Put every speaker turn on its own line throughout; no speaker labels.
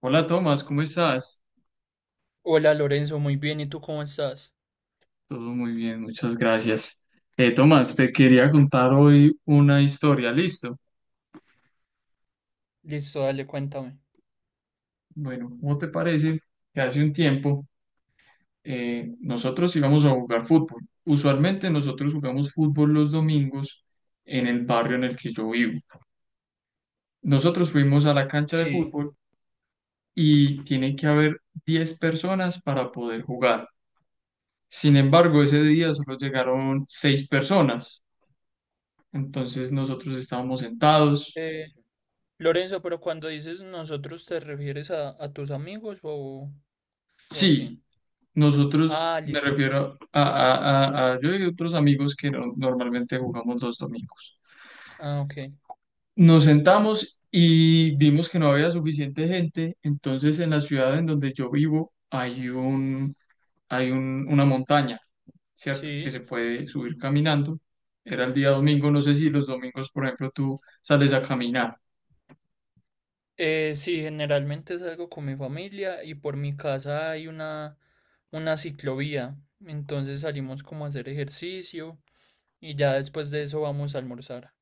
Hola Tomás, ¿cómo estás?
Hola Lorenzo, muy bien, ¿y tú cómo estás?
Todo muy bien, muchas gracias. Tomás, te quería contar hoy una historia, ¿listo?
Listo, dale, cuéntame.
Bueno, ¿cómo te parece que hace un tiempo nosotros íbamos a jugar fútbol? Usualmente nosotros jugamos fútbol los domingos en el barrio en el que yo vivo. Nosotros fuimos a la cancha de
Sí.
fútbol y tiene que haber 10 personas para poder jugar. Sin embargo, ese día solo llegaron 6 personas. Entonces nosotros estábamos sentados.
Eh, Lorenzo, pero cuando dices nosotros, ¿te refieres a tus amigos o a quién?
Sí, nosotros,
Ah,
me
listo, listo.
refiero a, yo y otros amigos que normalmente jugamos los domingos.
Ah, ok.
Nos sentamos y vimos que no había suficiente gente, entonces en la ciudad en donde yo vivo hay una montaña, ¿cierto? Que
Sí.
se puede subir caminando. Era el día domingo, no sé si los domingos, por ejemplo, tú sales a caminar.
Sí, generalmente salgo con mi familia y por mi casa hay una ciclovía. Entonces salimos como a hacer ejercicio y ya después de eso vamos a almorzar.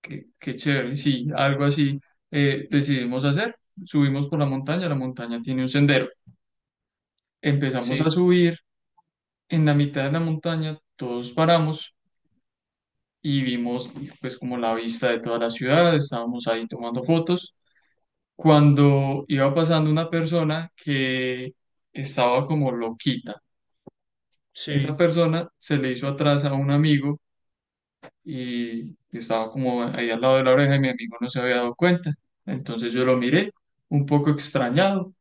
Qué, qué chévere, sí, algo así decidimos hacer. Subimos por la montaña tiene un sendero, empezamos a
Sí,
subir. En la mitad de la montaña todos paramos y vimos pues como la vista de toda la ciudad, estábamos ahí tomando fotos, cuando iba pasando una persona que estaba como loquita. Esa
sí,
persona se le hizo atrás a un amigo y estaba como ahí al lado de la oreja y mi amigo no se había dado cuenta. Entonces yo lo miré un poco extrañado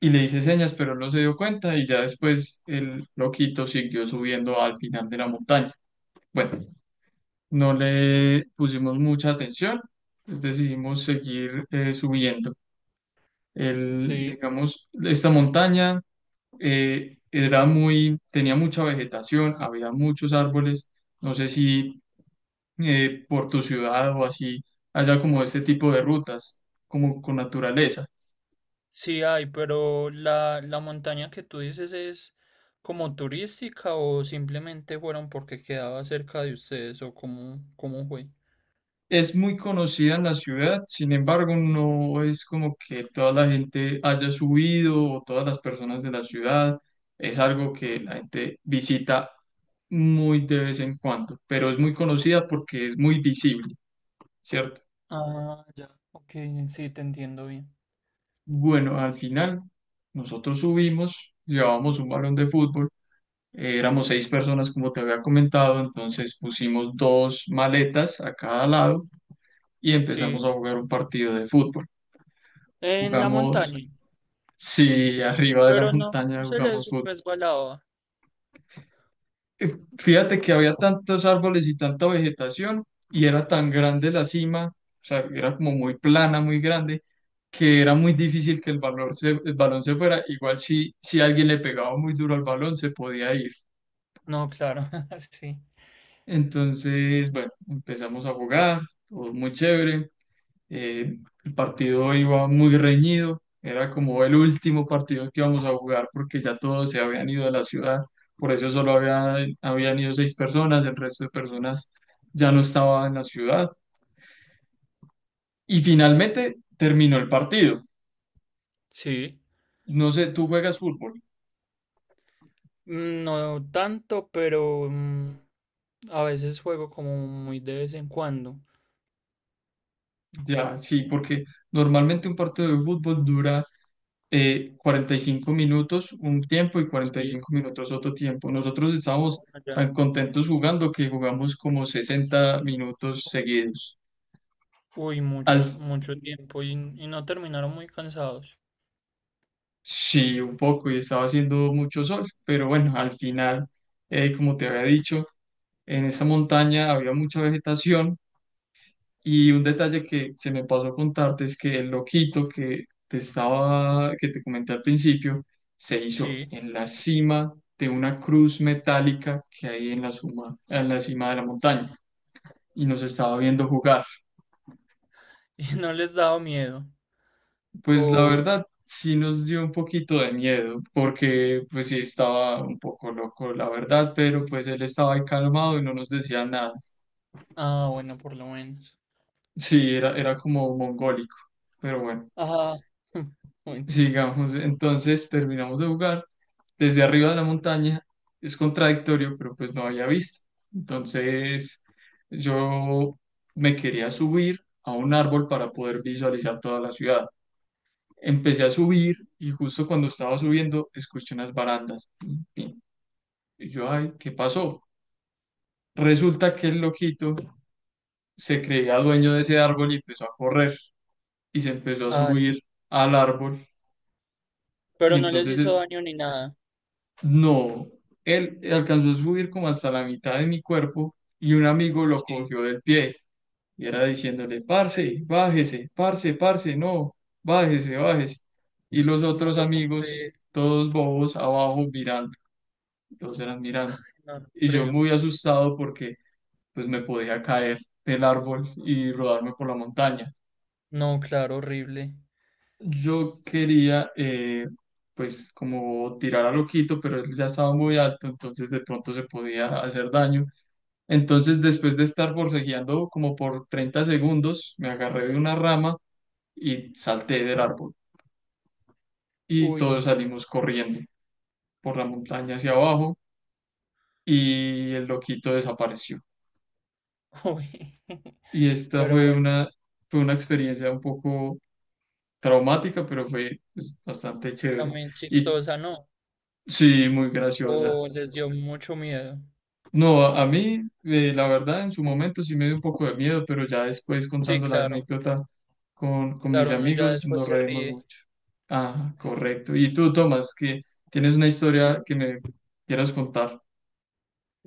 y le hice señas, pero él no se dio cuenta y ya después el loquito siguió subiendo al final de la montaña. Bueno, no le pusimos mucha atención, pues decidimos seguir subiendo. El,
sí.
digamos, esta montaña era muy, tenía mucha vegetación, había muchos árboles. No sé si por tu ciudad o así haya como este tipo de rutas, como con naturaleza.
Sí hay, pero la montaña que tú dices es como turística o simplemente fueron porque quedaba cerca de ustedes o cómo, cómo fue.
Es muy conocida en la ciudad, sin embargo, no es como que toda la gente haya subido o todas las personas de la ciudad. Es algo que la gente visita muy de vez en cuando, pero es muy conocida porque es muy visible, ¿cierto?
Ah, ya, ok, sí, te entiendo bien.
Bueno, al final nosotros subimos, llevábamos un balón de fútbol, éramos 6 personas como te había comentado, entonces pusimos dos maletas a cada lado y
Sí,
empezamos a jugar un partido de fútbol.
en la
Jugamos,
montaña,
sí, arriba de la
pero no
montaña
se
jugamos.
les resbalaba.
Fíjate que había tantos árboles y tanta vegetación y era tan grande la cima, o sea, era como muy plana, muy grande, que era muy difícil que el balón se fuera. Igual si alguien le pegaba muy duro al balón, se podía ir.
No, claro, sí.
Entonces, bueno, empezamos a jugar, todo muy chévere. Eh, el partido iba muy reñido, era como el último partido que íbamos a jugar porque ya todos se habían ido de la ciudad, por eso solo habían ido 6 personas, el resto de personas ya no estaba en la ciudad. Y finalmente terminó el partido.
Sí,
No sé, tú juegas fútbol,
no tanto, pero a veces juego como muy de vez en cuando.
ya, sí, porque normalmente un partido de fútbol dura 45 minutos un tiempo y cuarenta y
Sí,
cinco minutos otro tiempo. Nosotros
no,
estábamos
ya.
tan contentos jugando que jugamos como 60 minutos seguidos.
Uy, mucho,
Al,
mucho tiempo y no terminaron muy cansados.
sí, un poco, y estaba haciendo mucho sol, pero bueno, al final, como te había dicho, en esa montaña había mucha vegetación. Y un detalle que se me pasó contarte es que el loquito que te comenté al principio, se hizo
Sí,
en la cima de una cruz metálica que hay en en la cima de la montaña y nos estaba viendo jugar.
y no les daba miedo.
Pues la
O,
verdad sí nos dio un poquito de miedo porque pues sí estaba un poco loco, la verdad, pero pues él estaba ahí calmado y no nos decía nada.
ah, bueno, por lo menos.
Sí, era como mongólico, pero bueno.
Ajá, bueno,
Sigamos, entonces terminamos de jugar desde arriba de la montaña. Es contradictorio, pero pues no había vista. Entonces yo me quería subir a un árbol para poder visualizar toda la ciudad. Empecé a subir y justo cuando estaba subiendo escuché unas barandas. Pin, pin. Y yo, ay, ¿qué pasó? Resulta que el loquito se creía dueño de ese árbol y empezó a correr y se empezó a
ay,
subir al árbol. Y
pero no les
entonces
hizo daño ni nada.
no, él alcanzó a subir como hasta la mitad de mi cuerpo y un amigo lo
Sí.
cogió del pie y era diciéndole,
Ay,
parce, bájese, parce, parce, no, bájese, bájese. Y los
no
otros
lo puedo
amigos, todos bobos, abajo mirando, todos eran mirando.
no lo
Y yo
creo.
muy asustado porque pues me podía caer del árbol y rodarme por la montaña.
No, claro, horrible.
Yo quería pues como tirar a loquito, pero él ya estaba muy alto, entonces de pronto se podía hacer daño. Entonces, después de estar forcejeando como por 30 segundos, me agarré de una rama y salté del árbol. Y
Uy,
todos salimos corriendo por la montaña hacia abajo y el loquito desapareció.
uy.
Y esta
Pero bueno,
fue una experiencia un poco traumática, pero fue pues, bastante chévere.
también
Y
chistosa, ¿no?
sí, muy graciosa.
O les dio mucho miedo.
No, a mí, la verdad, en su momento sí me dio un poco de miedo, pero ya después
Sí,
contando la
claro,
anécdota con mis
claro, uno ya
amigos
después
nos
se
reímos
ríe.
mucho. Ah, correcto. Y tú, Tomás, que tienes una historia que me quieras contar.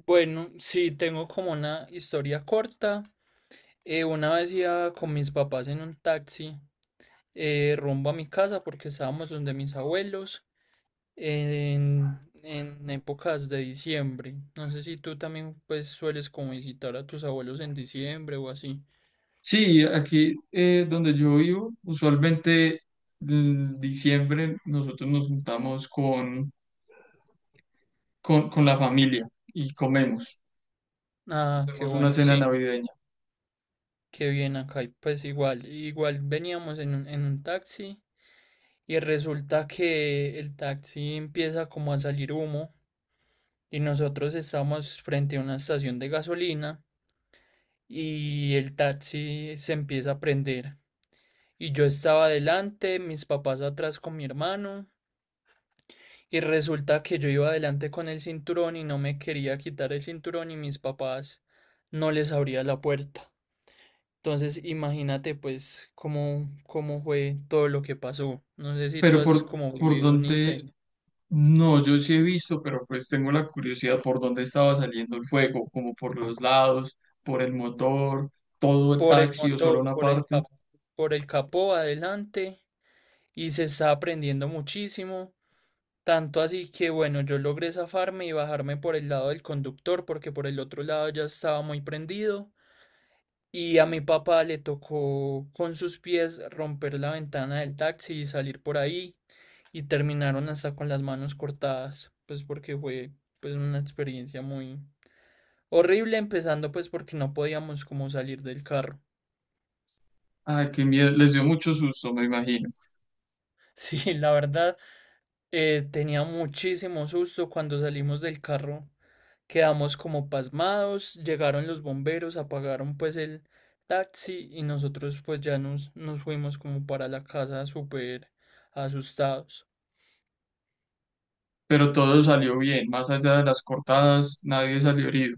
Bueno, sí, tengo como una historia corta. Una vez iba con mis papás en un taxi rumbo a mi casa porque estábamos donde mis abuelos en, en épocas de diciembre. No sé si tú también pues sueles como visitar a tus abuelos en diciembre o así.
Sí, aquí donde yo vivo, usualmente en diciembre nosotros nos juntamos con la familia y comemos.
Ah, qué
Hacemos una
bueno,
cena
sí,
navideña.
qué bien acá. Y pues igual, igual veníamos en en un taxi y resulta que el taxi empieza como a salir humo. Y nosotros estábamos frente a una estación de gasolina y el taxi se empieza a prender. Y yo estaba adelante, mis papás atrás con mi hermano, y resulta que yo iba adelante con el cinturón y no me quería quitar el cinturón y mis papás no les abría la puerta. Entonces imagínate pues cómo, cómo fue todo lo que pasó. No sé si tú
Pero
has como
por
vivido un
donde,
incendio.
no, yo sí he visto, pero pues tengo la curiosidad por dónde estaba saliendo el fuego, como por los lados, por el motor, todo el
Por el
taxi o solo
motor,
una parte.
por el capó adelante y se está aprendiendo muchísimo. Tanto así que bueno, yo logré zafarme y bajarme por el lado del conductor porque por el otro lado ya estaba muy prendido. Y a mi papá le tocó con sus pies romper la ventana del taxi y salir por ahí. Y terminaron hasta con las manos cortadas, pues porque fue pues una experiencia muy horrible, empezando pues porque no podíamos como salir del carro.
Ay, qué miedo, les dio mucho susto, me imagino.
Sí, la verdad, tenía muchísimo susto cuando salimos del carro. Quedamos como pasmados, llegaron los bomberos, apagaron pues el taxi y nosotros pues ya nos fuimos como para la casa súper asustados.
Pero todo salió bien, más allá de las cortadas, nadie salió herido.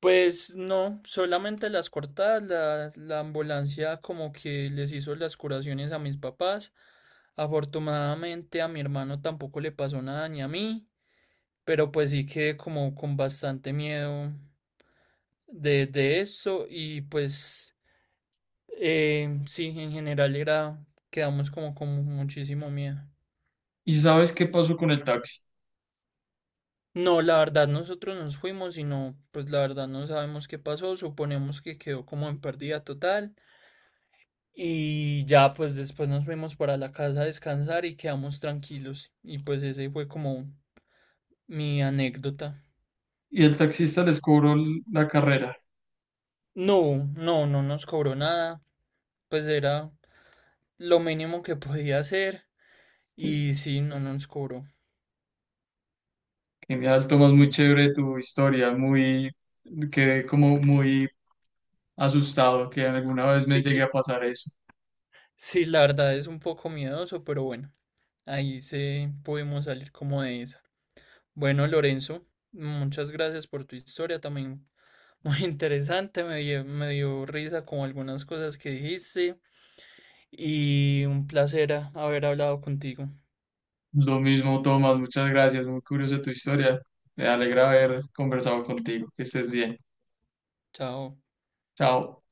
Pues no, solamente las cortadas, la ambulancia como que les hizo las curaciones a mis papás. Afortunadamente a mi hermano tampoco le pasó nada ni a mí, pero pues sí quedé como con bastante miedo de eso y pues... Sí, en general era, quedamos como con muchísimo miedo.
¿Y sabes qué pasó con el taxi?
No, la verdad nosotros nos fuimos y no, pues la verdad no sabemos qué pasó, suponemos que quedó como en pérdida total y ya pues después nos fuimos para la casa a descansar y quedamos tranquilos y pues ese fue como mi anécdota.
Y el taxista les cobró la carrera.
No, no, no nos cobró nada, pues era lo mínimo que podía hacer y sí, no nos cobró.
Genial, Tomás, muy chévere tu historia, muy, quedé como muy asustado que alguna vez me llegue
Sí.
a pasar eso.
Sí, la verdad es un poco miedoso, pero bueno. Ahí se pudimos salir como de esa. Bueno, Lorenzo, muchas gracias por tu historia también. Muy interesante, me dio risa con algunas cosas que dijiste y un placer haber hablado contigo.
Lo mismo, Tomás, muchas gracias. Muy curiosa tu historia. Me alegra haber conversado contigo. Que estés bien.
Chao.
Chao.